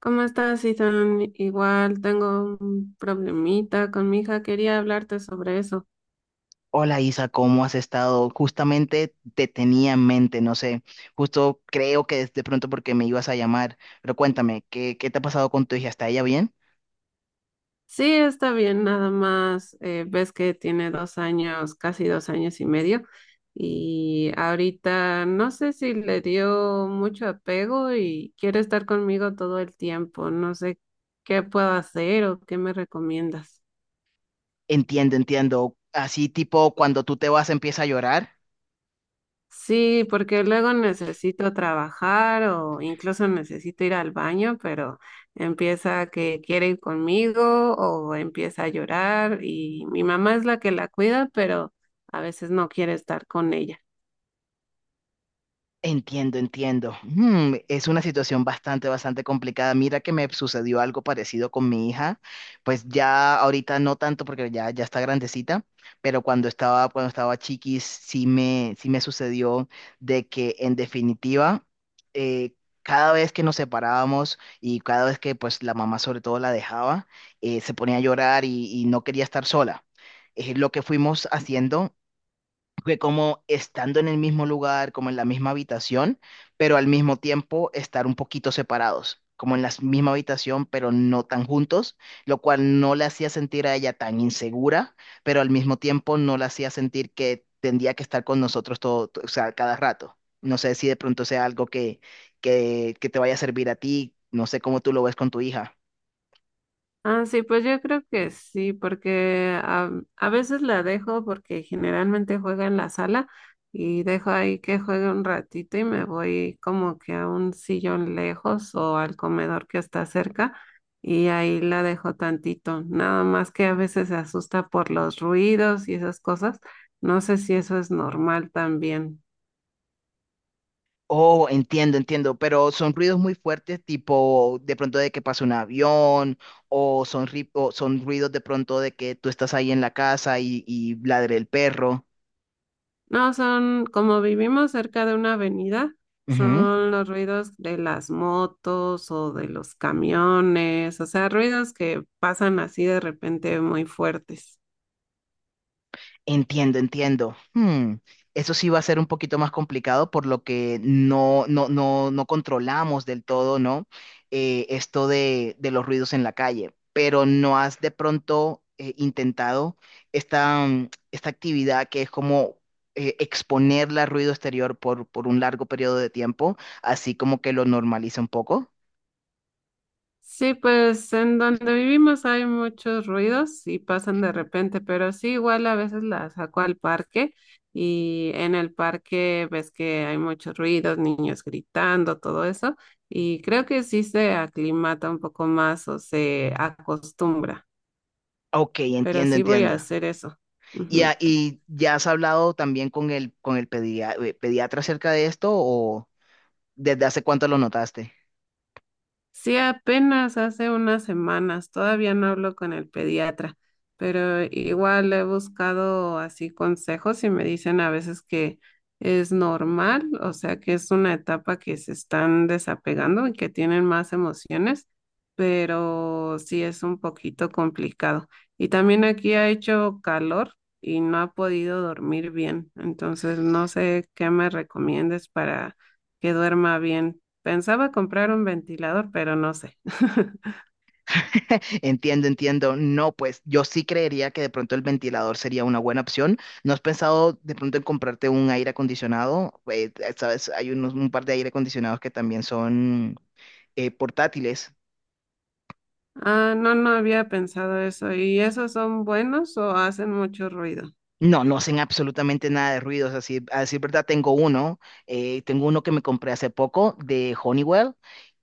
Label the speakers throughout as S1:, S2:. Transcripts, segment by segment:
S1: ¿Cómo estás, Ethan? Igual tengo un problemita con mi hija, quería hablarte sobre eso.
S2: Hola Isa, ¿cómo has estado? Justamente te tenía en mente, no sé, justo creo que de pronto porque me ibas a llamar, pero cuéntame, ¿qué te ha pasado con tu hija? ¿Está ella bien?
S1: Sí, está bien, nada más ves que tiene 2 años, casi 2 años y medio, y ahorita no sé si le dio mucho apego y quiere estar conmigo todo el tiempo, no sé qué puedo hacer o qué me recomiendas.
S2: Entiendo, entiendo. Así tipo cuando tú te vas empieza a llorar.
S1: Sí, porque luego necesito trabajar o incluso necesito ir al baño, pero empieza que quiere ir conmigo o empieza a llorar y mi mamá es la que la cuida, pero a veces no quiere estar con ella.
S2: Entiendo, entiendo. Mm, es una situación bastante complicada. Mira que me sucedió algo parecido con mi hija. Pues ya ahorita no tanto porque ya está grandecita, pero cuando estaba chiquis, sí me sucedió de que en definitiva, eh, cada vez que nos separábamos y cada vez que pues la mamá sobre todo la dejaba, se ponía a llorar y no quería estar sola. Lo que fuimos haciendo que como estando en el mismo lugar, como en la misma habitación, pero al mismo tiempo estar un poquito separados, como en la misma habitación, pero no tan juntos, lo cual no le hacía sentir a ella tan insegura, pero al mismo tiempo no la hacía sentir que tendría que estar con nosotros todo, o sea, cada rato. No sé si de pronto sea algo que te vaya a servir a ti, no sé cómo tú lo ves con tu hija.
S1: Ah, sí, pues yo creo que sí, porque a veces la dejo porque generalmente juega en la sala y dejo ahí que juegue un ratito y me voy como que a un sillón lejos o al comedor que está cerca y ahí la dejo tantito, nada más que a veces se asusta por los ruidos y esas cosas. No sé si eso es normal también.
S2: Oh, entiendo, entiendo, pero son ruidos muy fuertes, tipo de pronto de que pasa un avión, o son, o son ruidos de pronto de que tú estás ahí en la casa y ladre el perro.
S1: No, son, como vivimos cerca de una avenida,
S2: Ujú.
S1: son los ruidos de las motos o de los camiones, o sea, ruidos que pasan así de repente muy fuertes.
S2: Entiendo, entiendo. Hmm, eso sí va a ser un poquito más complicado por lo que no controlamos del todo, ¿no? Esto de los ruidos en la calle. Pero ¿no has de pronto intentado esta, esta actividad que es como exponerla al ruido exterior por un largo periodo de tiempo, así como que lo normaliza un poco?
S1: Sí, pues en donde vivimos hay muchos ruidos y pasan de repente, pero sí, igual a veces la saco al parque y en el parque ves que hay muchos ruidos, niños gritando, todo eso, y creo que sí se aclimata un poco más o se acostumbra.
S2: Ok,
S1: Pero
S2: entiendo,
S1: sí voy a
S2: entiendo.
S1: hacer eso.
S2: Y,
S1: Ujú.
S2: y ya has hablado también con el pediatra acerca de esto o... ¿Desde hace cuánto lo notaste?
S1: Sí, apenas hace unas semanas, todavía no hablo con el pediatra, pero igual he buscado así consejos y me dicen a veces que es normal, o sea que es una etapa que se están desapegando y que tienen más emociones, pero sí es un poquito complicado. Y también aquí ha hecho calor y no ha podido dormir bien, entonces no sé qué me recomiendes para que duerma bien. Pensaba comprar un ventilador, pero no sé.
S2: Entiendo, entiendo. No, pues yo sí creería que de pronto el ventilador sería una buena opción. ¿No has pensado de pronto en comprarte un aire acondicionado? Sabes, hay unos, un par de aire acondicionados que también son portátiles.
S1: Ah, no, no había pensado eso. ¿Y esos son buenos o hacen mucho ruido?
S2: No, no hacen absolutamente nada de ruidos. Así, a decir verdad, tengo uno. Tengo uno que me compré hace poco de Honeywell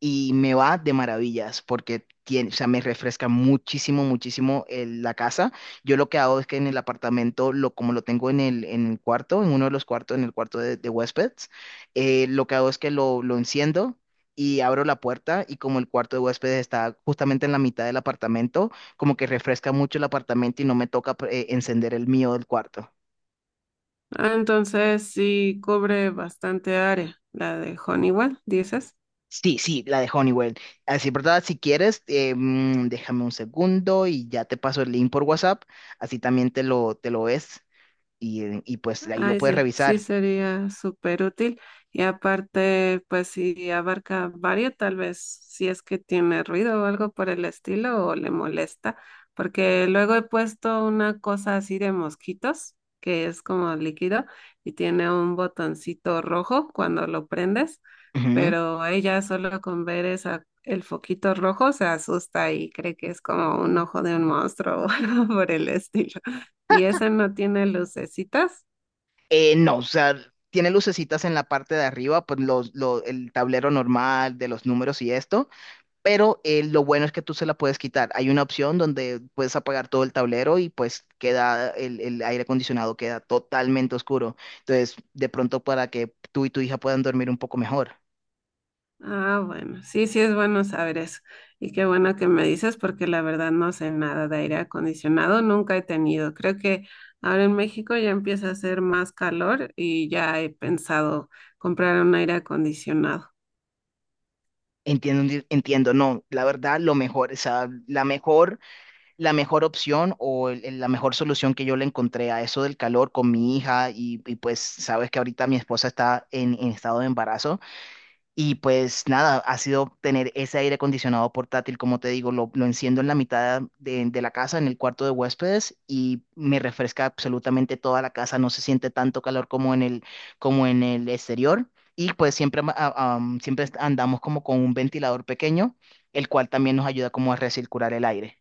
S2: y me va de maravillas porque tiene, o sea, me refresca muchísimo, muchísimo la casa. Yo lo que hago es que en el apartamento, lo, como lo tengo en el cuarto, en uno de los cuartos, en el cuarto de huéspedes, lo que hago es que lo enciendo. Y abro la puerta y como el cuarto de huéspedes está justamente en la mitad del apartamento, como que refresca mucho el apartamento y no me toca encender el mío del cuarto.
S1: Ah, entonces sí cubre bastante área, la de Honeywell, dices.
S2: Sí, sí, la de Honeywell. Así, ¿verdad? Si quieres, déjame un segundo y ya te paso el link por WhatsApp. Así también te lo ves y pues ahí lo
S1: Ay,
S2: puedes
S1: sí, sí
S2: revisar.
S1: sería súper útil. Y aparte, pues si abarca varios, tal vez si es que tiene ruido o algo por el estilo o le molesta, porque luego he puesto una cosa así de mosquitos, que es como líquido y tiene un botoncito rojo cuando lo prendes,
S2: Ujú.
S1: pero ella solo con ver esa, el foquito rojo se asusta y cree que es como un ojo de un monstruo o algo por el estilo. Y ese no tiene lucecitas.
S2: No, o sea, tiene lucecitas en la parte de arriba, pues los, el tablero normal de los números y esto. Pero lo bueno es que tú se la puedes quitar. Hay una opción donde puedes apagar todo el tablero y pues queda el aire acondicionado, queda totalmente oscuro. Entonces, de pronto para que tú y tu hija puedan dormir un poco mejor.
S1: Ah, bueno, sí, sí es bueno saber eso. Y qué bueno que me dices porque la verdad no sé nada de aire acondicionado, nunca he tenido. Creo que ahora en México ya empieza a hacer más calor y ya he pensado comprar un aire acondicionado.
S2: Entiendo, entiendo, no, la verdad, lo mejor, o sea, la mejor opción o la mejor solución que yo le encontré a eso del calor con mi hija y, pues sabes que ahorita mi esposa está en estado de embarazo. Y pues nada, ha sido tener ese aire acondicionado portátil, como te digo, lo enciendo en la mitad de la casa, en el cuarto de huéspedes, y me refresca absolutamente toda la casa, no se siente tanto calor como en como en el exterior. Y pues siempre, siempre andamos como con un ventilador pequeño, el cual también nos ayuda como a recircular el aire.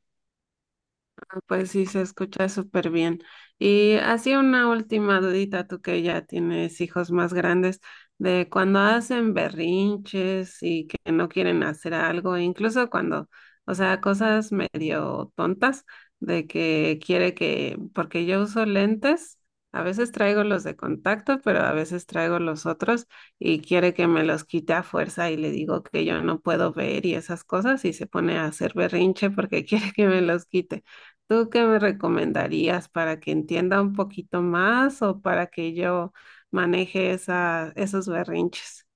S1: Pues sí, se escucha súper bien. Y así una última dudita, tú que ya tienes hijos más grandes, de cuando hacen berrinches y que no quieren hacer algo, incluso cuando, o sea, cosas medio tontas, de que quiere que, porque yo uso lentes, a veces traigo los de contacto, pero a veces traigo los otros y quiere que me los quite a fuerza y le digo que yo no puedo ver y esas cosas y se pone a hacer berrinche porque quiere que me los quite. ¿Tú qué me recomendarías para que entienda un poquito más o para que yo maneje esos berrinches?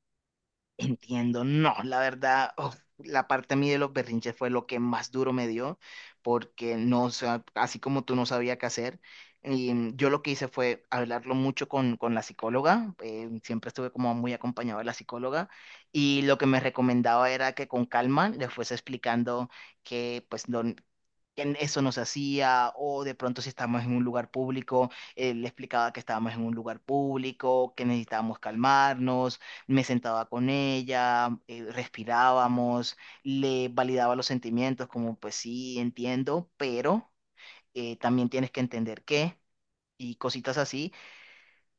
S2: Entiendo, no, la verdad, uf, la parte a mí de los berrinches fue lo que más duro me dio, porque no, o sea, así como tú no sabía qué hacer, y yo lo que hice fue hablarlo mucho con la psicóloga, siempre estuve como muy acompañado de la psicóloga, y lo que me recomendaba era que con calma le fuese explicando que pues lo, que eso no se hacía, o de pronto si estábamos en un lugar público, le explicaba que estábamos en un lugar público, que necesitábamos calmarnos. Me sentaba con ella, respirábamos, le validaba los sentimientos, como pues sí, entiendo, pero también tienes que entender qué y cositas así.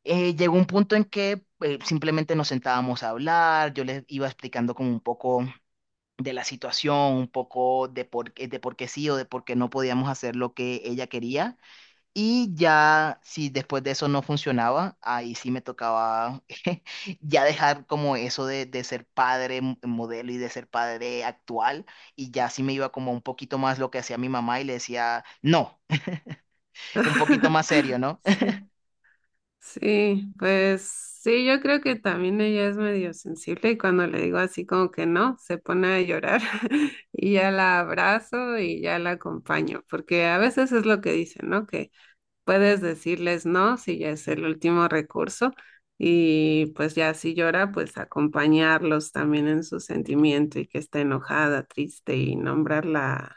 S2: Llegó un punto en que simplemente nos sentábamos a hablar, yo les iba explicando como un poco de la situación, un poco de por, de por qué sí o de por qué no podíamos hacer lo que ella quería. Y ya, si después de eso no funcionaba, ahí sí me tocaba ya dejar como eso de ser padre modelo y de ser padre actual. Y ya sí me iba como un poquito más lo que hacía mi mamá y le decía, no, un poquito más serio, ¿no?
S1: Sí, sí, pues sí, yo creo que también ella es medio sensible y cuando le digo así como que no, se pone a llorar y ya la abrazo y ya la acompaño, porque a veces es lo que dicen, ¿no? Que puedes decirles no si ya es el último recurso y pues ya si llora, pues acompañarlos también en su sentimiento y que está enojada, triste y nombrar la,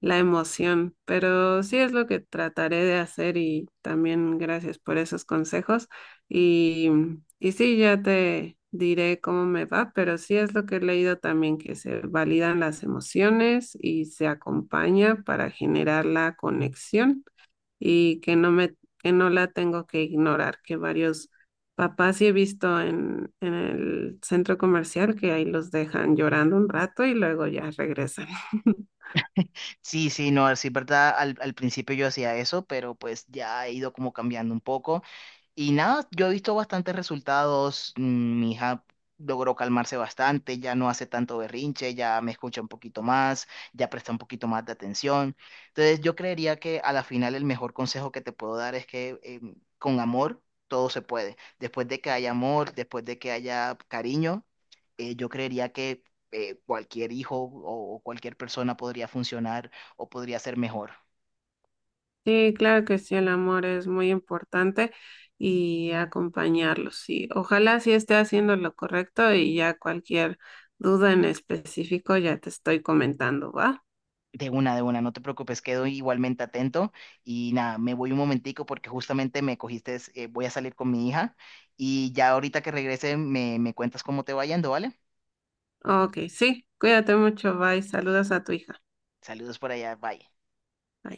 S1: la emoción. Pero sí es lo que trataré de hacer y también gracias por esos consejos y, y sí, ya te diré cómo me va, pero sí es lo que he leído también, que se validan las emociones y se acompaña para generar la conexión y que que no la tengo que ignorar, que varios papás sí he visto en el centro comercial que ahí los dejan llorando un rato y luego ya regresan.
S2: Sí, sí, no, sí, verdad, al principio yo hacía eso, pero pues ya he ido como cambiando un poco. Y nada, yo he visto bastantes resultados, mi hija logró calmarse bastante, ya no hace tanto berrinche, ya me escucha un poquito más, ya presta un poquito más de atención. Entonces yo creería que a la final el mejor consejo que te puedo dar es que con amor todo se puede. Después de que haya amor, después de que haya cariño, yo creería que cualquier hijo o cualquier persona podría funcionar o podría ser mejor.
S1: Sí, claro que sí, el amor es muy importante y acompañarlos. Sí, ojalá sí esté haciendo lo correcto y ya cualquier duda en específico ya te estoy comentando, ¿va?
S2: De una, no te preocupes, quedo igualmente atento y nada, me voy un momentico porque justamente me cogiste, voy a salir con mi hija y ya ahorita que regrese me cuentas cómo te va yendo, ¿vale?
S1: Ok, sí, cuídate mucho, bye, saludos a tu hija.
S2: Saludos por allá, bye.
S1: Bye.